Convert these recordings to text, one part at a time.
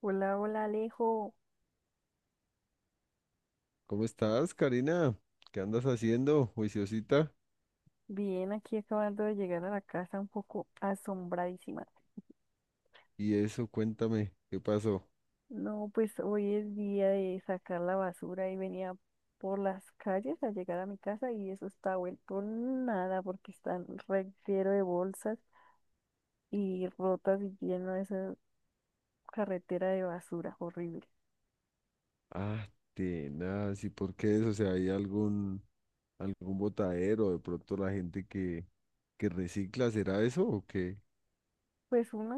Hola, hola Alejo. ¿Cómo estás, Karina? ¿Qué andas haciendo, juiciosita? Bien, aquí acabando de llegar a la casa un poco asombradísima. Y eso, cuéntame, ¿qué pasó? No, pues hoy es día de sacar la basura y venía por las calles a llegar a mi casa y eso está vuelto nada porque están reguero de bolsas y rotas y lleno de esa carretera de basura horrible. Ah, tenaz, ¿y por qué eso? O sea, ¿hay algún botadero? De pronto la gente que recicla, ¿será eso o qué? Pues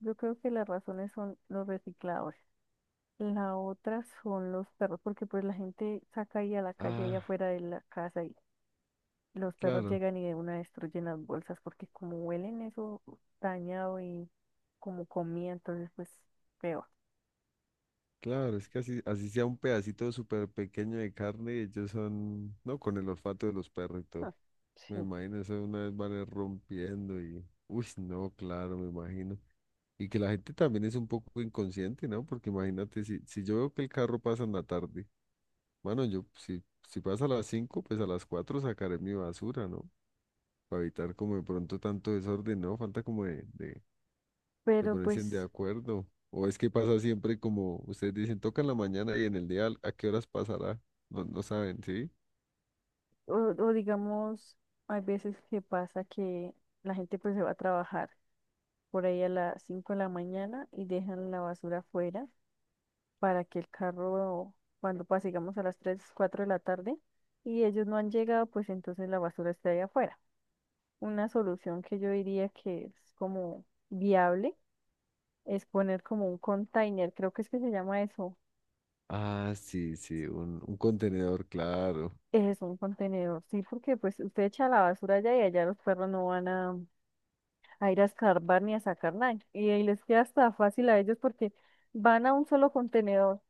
yo creo que las razones son los recicladores. La otra son los perros, porque pues la gente saca ahí a la calle, ahí Ah, afuera de la casa. Los perros claro, llegan y de una destruyen las bolsas porque como huelen eso dañado y como comida, entonces pues peor. claro, es que así sea un pedacito súper pequeño de carne, ellos son, no, con el olfato de los perros y todo. Ah, Me sí. imagino eso de una vez van a ir rompiendo y, uy, no, claro, me imagino. Y que la gente también es un poco inconsciente, ¿no? Porque imagínate, si yo veo que el carro pasa en la tarde, bueno, yo si, si pasa a las 5, pues a las 4 sacaré mi basura, ¿no? Para evitar como de pronto tanto desorden, ¿no? Falta como de Pero ponerse en de pues, acuerdo. O es que pasa siempre como ustedes dicen, toca en la mañana y en el día, ¿a qué horas pasará? No, no saben, ¿sí? o digamos, hay veces que pasa que la gente pues se va a trabajar por ahí a las 5 de la mañana y dejan la basura afuera para que el carro, cuando pase, digamos, a las 3 4 de la tarde y ellos no han llegado, pues entonces la basura está ahí afuera. Una solución que yo diría que es como viable es poner como un container, creo que es que se llama eso. Ah, sí, sí, un contenedor, claro. Es un contenedor, sí, porque pues usted echa la basura allá y allá los perros no van a ir a escarbar ni a sacar nada. Y ahí les queda hasta fácil a ellos porque van a un solo contenedor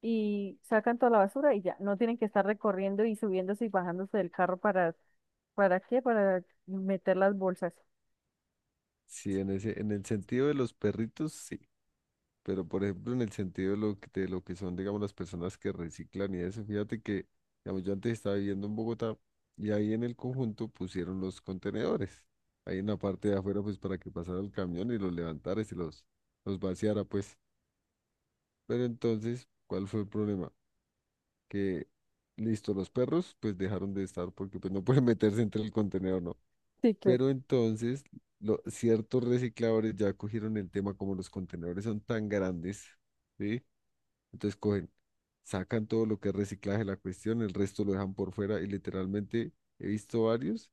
y sacan toda la basura y ya, no tienen que estar recorriendo y subiéndose y bajándose del carro ¿para qué? Para meter las bolsas. Sí, en el sentido de los perritos, sí. Pero, por ejemplo, en el sentido de lo que son, digamos, las personas que reciclan y eso, fíjate que, digamos, yo antes estaba viviendo en Bogotá y ahí en el conjunto pusieron los contenedores. Ahí en la parte de afuera, pues, para que pasara el camión y los levantara y se los vaciara, pues. Pero entonces, ¿cuál fue el problema? Que, listo, los perros, pues, dejaron de estar porque, pues, no pueden meterse entre el contenedor, ¿no? Sí, claro. Pero entonces, ciertos recicladores ya cogieron el tema, como los contenedores son tan grandes, ¿sí? Entonces cogen, sacan todo lo que es reciclaje, de la cuestión, el resto lo dejan por fuera y literalmente he visto varios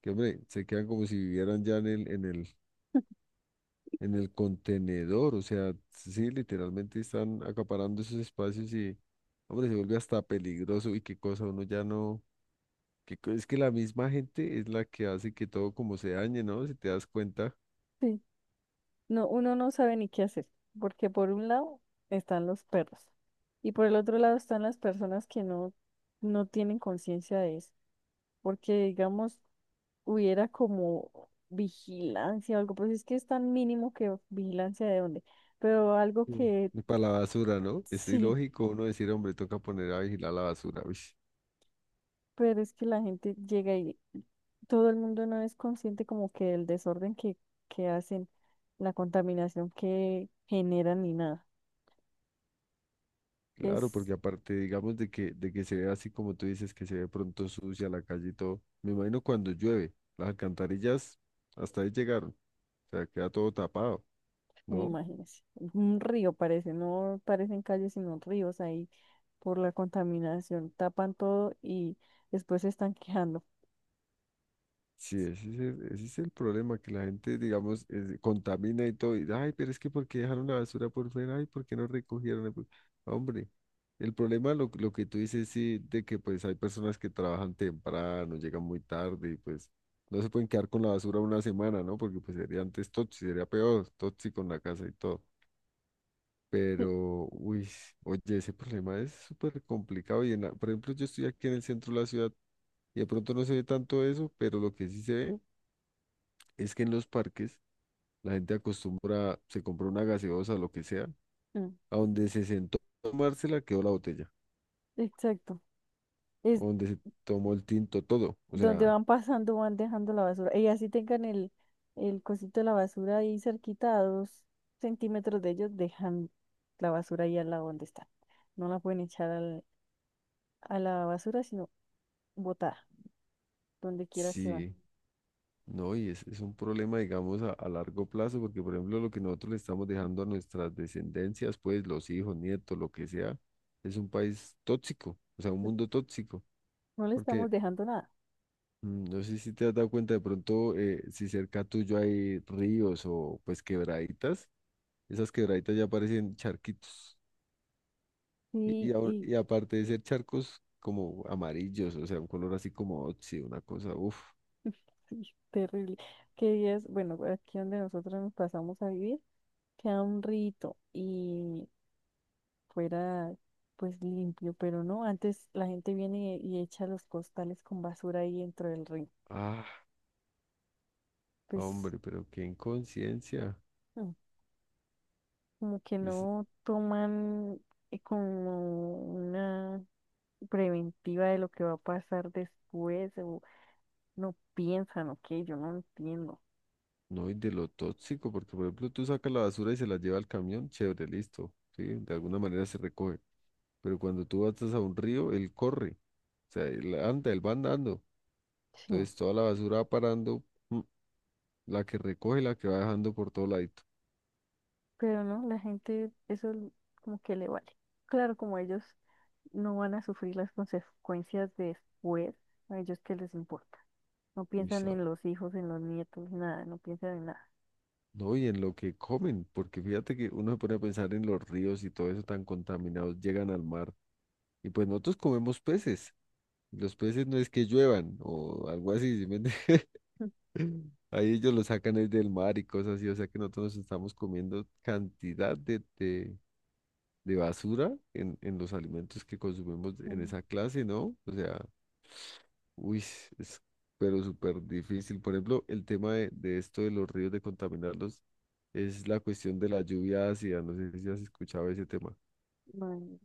que, hombre, se quedan como si vivieran ya en el, en el, en el contenedor. O sea, sí, literalmente están acaparando esos espacios y, hombre, se vuelve hasta peligroso y qué cosa, uno ya no. Es que la misma gente es la que hace que todo como se dañe, ¿no? Si te das cuenta. Sí, no, uno no sabe ni qué hacer, porque por un lado están los perros y por el otro lado están las personas que no, no tienen conciencia de eso, porque digamos, hubiera como vigilancia o algo, pero es que es tan mínimo que vigilancia de dónde, pero algo Sí. que Para la basura, ¿no? Es sí, ilógico uno decir, hombre, toca poner a vigilar la basura. Uy. pero es que la gente llega y todo el mundo no es consciente como que el desorden que hacen, la contaminación que generan ni nada. Claro, Es, porque aparte, digamos, de que se ve así como tú dices, que se ve pronto sucia la calle y todo. Me imagino cuando llueve, las alcantarillas hasta ahí llegaron, o sea, queda todo tapado, ¿no? imagínense, un río parece, no parecen calles sino ríos ahí por la contaminación, tapan todo y después se están quejando. Sí, ese es el problema, que la gente, digamos, contamina y todo. Y, ay, pero es que ¿por qué dejaron la basura por fuera? Ay, ¿por qué no recogieron? Hombre, el problema, lo que tú dices, sí, de que pues hay personas que trabajan temprano, llegan muy tarde y pues no se pueden quedar con la basura una semana, ¿no? Porque pues sería antes tóxico, sería peor, tóxico en la casa y todo. Sí, Pero, uy, oye, ese problema es súper complicado. Y en por ejemplo, yo estoy aquí en el centro de la ciudad y de pronto no se ve tanto eso, pero lo que sí se ve es que en los parques la gente acostumbra, se compra una gaseosa, lo que sea, mm, a donde se sentó a tomársela quedó la botella, exacto. Es o donde se tomó el tinto, todo. O donde sea, van pasando van dejando la basura. Y así tengan el cosito de la basura ahí cerquita a 2 centímetros de ellos, dejan la basura ahí al lado donde están. No la pueden echar a la basura, sino botada, donde quiera que van. sí, no, y es un problema, digamos, a largo plazo, porque por ejemplo lo que nosotros le estamos dejando a nuestras descendencias, pues los hijos, nietos, lo que sea, es un país tóxico, o sea, un mundo tóxico, No le estamos porque... dejando nada. mm, No sé si te has dado cuenta de pronto si cerca tuyo hay ríos o pues quebraditas. Esas quebraditas ya parecen charquitos. Y, y, Y, ahor- y y aparte de ser charcos como amarillos, o sea, un color así como óxido, una cosa, uff. sí, terrible. Que días, bueno, aquí donde nosotros nos pasamos a vivir, queda un rito y fuera pues limpio, pero no, antes la gente viene y echa los costales con basura ahí dentro del río. Ah, Pues hombre, pero qué inconsciencia. mm, como que Es, no toman como una preventiva de lo que va a pasar después, o no piensan, o qué, yo no entiendo. no, y de lo tóxico, porque por ejemplo tú sacas la basura y se la lleva al camión, chévere, listo. Sí, de alguna manera se recoge. Pero cuando tú vas a un río, él corre. O sea, él anda, él va andando. Sí, Entonces toda la basura va parando, mm, la que recoge, y la que va dejando por todo ladito. pero no, la gente eso como que le vale. Claro, como ellos no van a sufrir las consecuencias de después, a ellos qué les importa. No Uy, piensan en los hijos, en los nietos, nada, no piensan en nada. no, y en lo que comen, porque fíjate que uno se pone a pensar en los ríos y todo eso tan contaminados, llegan al mar. Y pues nosotros comemos peces. Los peces no es que lluevan o algo así, ¿sí me entiendes? Ahí ellos los sacan es del mar y cosas así, o sea que nosotros nos estamos comiendo cantidad de basura en los alimentos que consumimos en Ujú. esa clase, ¿no? O sea, uy, es pero súper difícil. Por ejemplo, el tema de esto de los ríos, de contaminarlos, es la cuestión de la lluvia ácida. No sé si has escuchado ese tema. Man,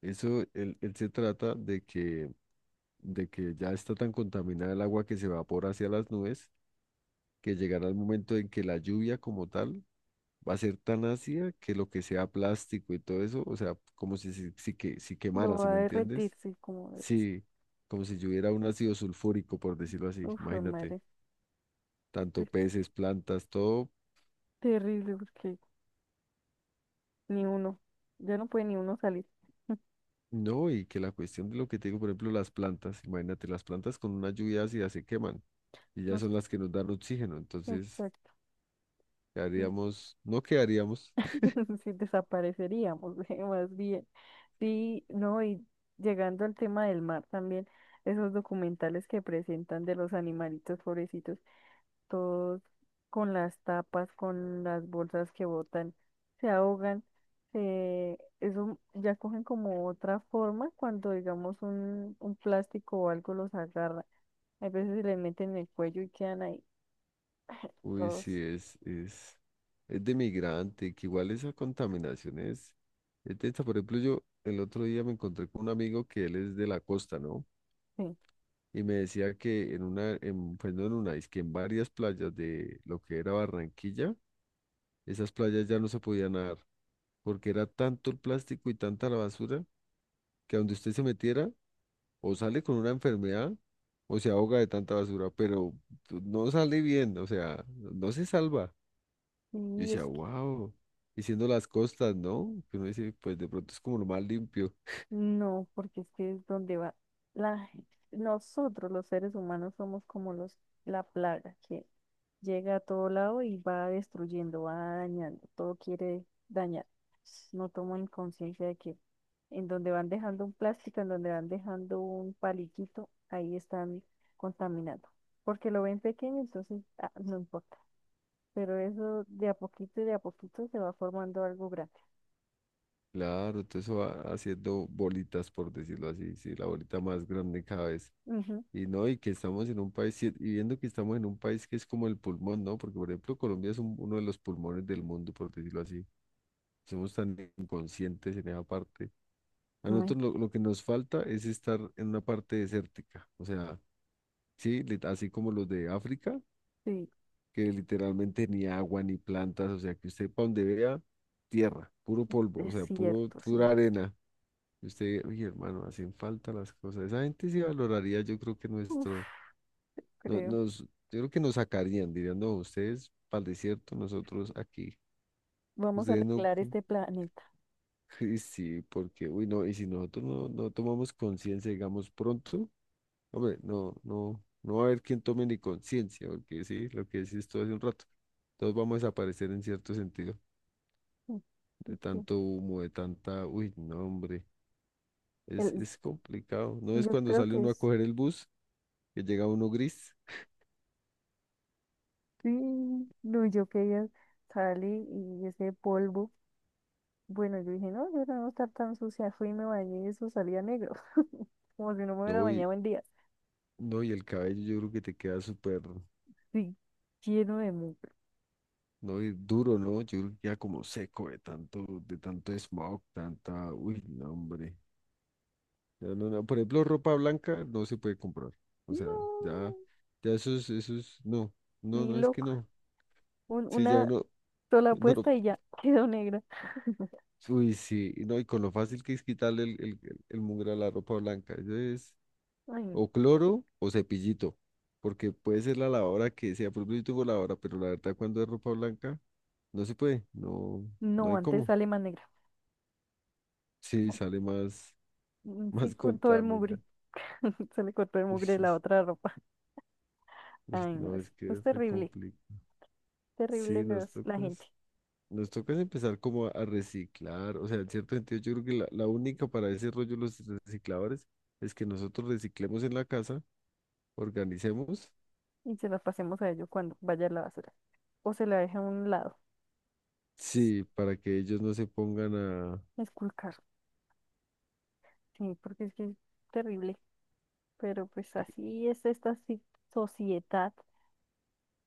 Eso, él se trata de que ya está tan contaminada el agua que se evapora hacia las nubes, que llegará el momento en que la lluvia como tal va a ser tan ácida que lo que sea plástico y todo eso, o sea, como si lo quemara, ¿si va a me entiendes? derretirse, como es. Sí, como si lloviera un ácido sulfúrico, por decirlo así, Uf, fue imagínate. madre, Tanto te- peces, plantas, todo. terrible, porque ni uno, ya no puede ni uno salir. No, y que la cuestión de lo que te digo, por ejemplo, las plantas, imagínate, las plantas con una lluvia ácida se queman y No ya sé, son las que nos dan oxígeno, entonces exacto. quedaríamos, no quedaríamos. Si desapareceríamos, más bien. Sí, no, y llegando al tema del mar también, esos documentales que presentan de los animalitos pobrecitos, todos con las tapas, con las bolsas que botan, se ahogan, se, eso ya cogen como otra forma cuando digamos un plástico o algo los agarra. Hay veces se les meten en el cuello y quedan ahí. Uy, Todos. sí, es de migrante, que igual esa contaminación es densa. Por ejemplo, yo el otro día me encontré con un amigo que él es de la costa, ¿no? Sí, Y me decía que pues no en una, es que en varias playas de lo que era Barranquilla, esas playas ya no se podían nadar porque era tanto el plástico y tanta la basura que a donde usted se metiera o sale con una enfermedad o se ahoga de tanta basura, pero no sale bien, o sea, no se salva. Yo y decía, es wow, y siendo las costas, ¿no? Que uno dice, pues de pronto es como lo más limpio. no, porque es que es donde va la, nosotros los seres humanos somos como la plaga que llega a todo lado y va destruyendo, va dañando, todo quiere dañar. No toman conciencia de que en donde van dejando un plástico, en donde van dejando un paliquito, ahí están contaminando. Porque lo ven pequeño, entonces ah, no importa. Pero eso de a poquito y de a poquito se va formando algo grande. Claro, todo eso va haciendo bolitas, por decirlo así, sí, la bolita más grande cada vez. Ujú. Y no, y que estamos en un país, y viendo que estamos en un país que es como el pulmón, ¿no? Porque, por ejemplo, Colombia es uno de los pulmones del mundo, por decirlo así. Somos tan inconscientes en esa parte. A Bueno, nosotros lo que nos falta es estar en una parte desértica. O sea, sí, así como los de África, sí, que literalmente ni agua ni plantas. O sea, que usted para donde vea, tierra, puro polvo, o es sea, puro, cierto, pura sí. arena. Y usted, oye, hermano, hacen falta las cosas. Esa gente sí valoraría, Uf, creo. Yo creo que nos sacarían, dirían, no, ustedes para el desierto, nosotros aquí. Vamos a Ustedes no. arreglar este planeta. Y sí, porque, uy, no, y si nosotros no tomamos conciencia, digamos, pronto, hombre, no, no, no va a haber quien tome ni conciencia, porque sí, lo que decís todo hace un rato, todos vamos a desaparecer en cierto sentido, Mm, de ok. tanto humo, de tanta, uy, no, hombre, es, El- es complicado, no es yo cuando creo sale que uno a es, coger el bus, que llega uno gris, sí. No, yo quería salir y ese polvo. Bueno, yo dije, no, yo no voy a estar tan sucia. Fui y me bañé y eso salía negro. Como si no me hubiera no, y, bañado en días. no, y el cabello yo creo que te queda súper, Sí, lleno de mugre. no, y duro, ¿no? Yo creo que queda como seco de tanto smog, tanta, uy, no, hombre. No, no, no. Por ejemplo, ropa blanca no se puede comprar. O sea, ya, No, ya esos, no, no, ni no, es que loco. no. Sí, ya Una uno, sola no, puesta y ya quedó negra. uy, sí, y no, y con lo fácil que es quitarle el, el mugre a la ropa blanca. Eso es Ay, no, o cloro o cepillito, porque puede ser la lavadora que sea, por ejemplo, yo tengo lavadora, pero la verdad cuando es ropa blanca, no se puede, no, no no, hay antes cómo. sale más negra. Sí, No, sale más, mm, sí, más con todo el mugre. contaminada. Sale con todo el Uy, mugre de sí, la otra ropa. uy, Ay, no, no, es que es es re terrible, complicado. terrible Sí, nos las, la toca. gente. Nos toca es empezar como a reciclar, o sea, en cierto sentido yo creo que la única para ese rollo de los recicladores es que nosotros reciclemos en la casa, organicemos, Y se las pasemos a ellos cuando vaya a la basura. O se la deja a un lado, sí, para que ellos no se pongan a esculcar. Sí, porque es que es terrible. Pero pues así es esta sociedad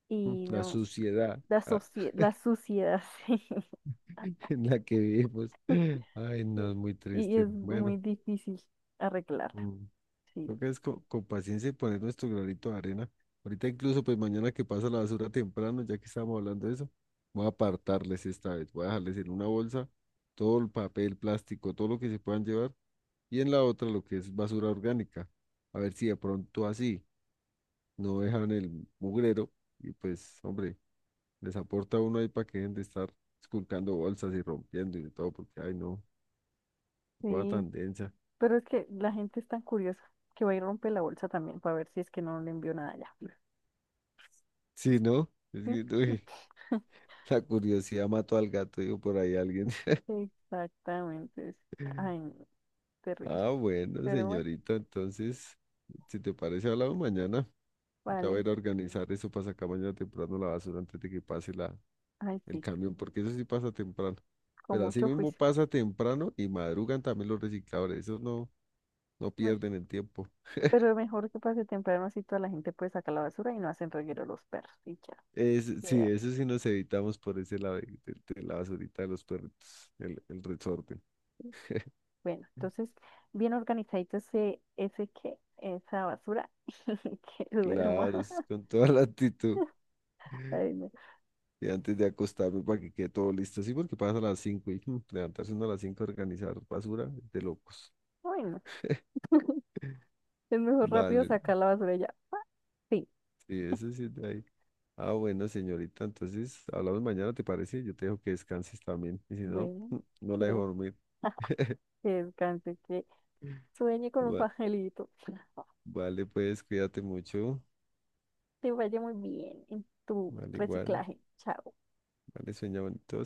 y la no, suciedad ah, la suciedad, sí. en la que vivimos. Ay, no, Sí. es muy Y triste. es muy Bueno, difícil arreglarla. mm, Sí, toca es con, paciencia y poner nuestro granito de arena. Ahorita incluso, pues mañana que pasa la basura temprano, ya que estábamos hablando de eso, voy a apartarles esta vez. Voy a dejarles en una bolsa todo el papel, plástico, todo lo que se puedan llevar, y en la otra lo que es basura orgánica. A ver si de pronto así no dejan el mugrero y pues, hombre, les aporta uno ahí para que dejen de estar esculcando bolsas y rompiendo y de todo, porque, ay no, qué cosa sí. tan densa. Pero es que la gente es tan curiosa que va y rompe la bolsa también para ver si es que no le envió nada ya. Sí, ¿no? Es Sí. que, uy, la curiosidad mató al gato, digo, por ahí alguien. Exactamente. Ay, no, terrible. Ah, bueno, Pero bueno, señorita, entonces, si te parece, hablamos mañana. Ya voy a vale. ir a organizar eso para sacar mañana temprano la basura antes de que pase Ay, el sí, camión, porque eso sí pasa temprano. con Pero así mucho mismo juicio. pasa temprano y madrugan también los recicladores, esos no Bueno, pierden el tiempo. pero mejor que pase temprano, así toda la gente puede sacar la basura y no hacen reguero los perros y ya. Sí, Queda. eso sí nos evitamos por ese lado de la basurita de los perritos, el resorte. Bueno, entonces, bien organizadito esa basura que duerma. Claro, es con toda la actitud. Ay, no. Y antes de acostarme para que quede todo listo, sí, porque pasa a las 5 y levantarse uno a las 5 a organizar basura, de locos. Bueno, es mejor rápido Vale, sacar la basura y ya. ¡Pa! Sí, sí, eso sí es de ahí. Ah, bueno, señorita, entonces hablamos mañana, ¿te parece? Yo te dejo que descanses también. Y si no, bueno, no la dejo que, dormir. que descanse, que sueñe con los Va- angelitos. vale, pues cuídate mucho. Te vaya muy bien en tu Vale, igual. reciclaje. Chao. Vale, sueña bonito.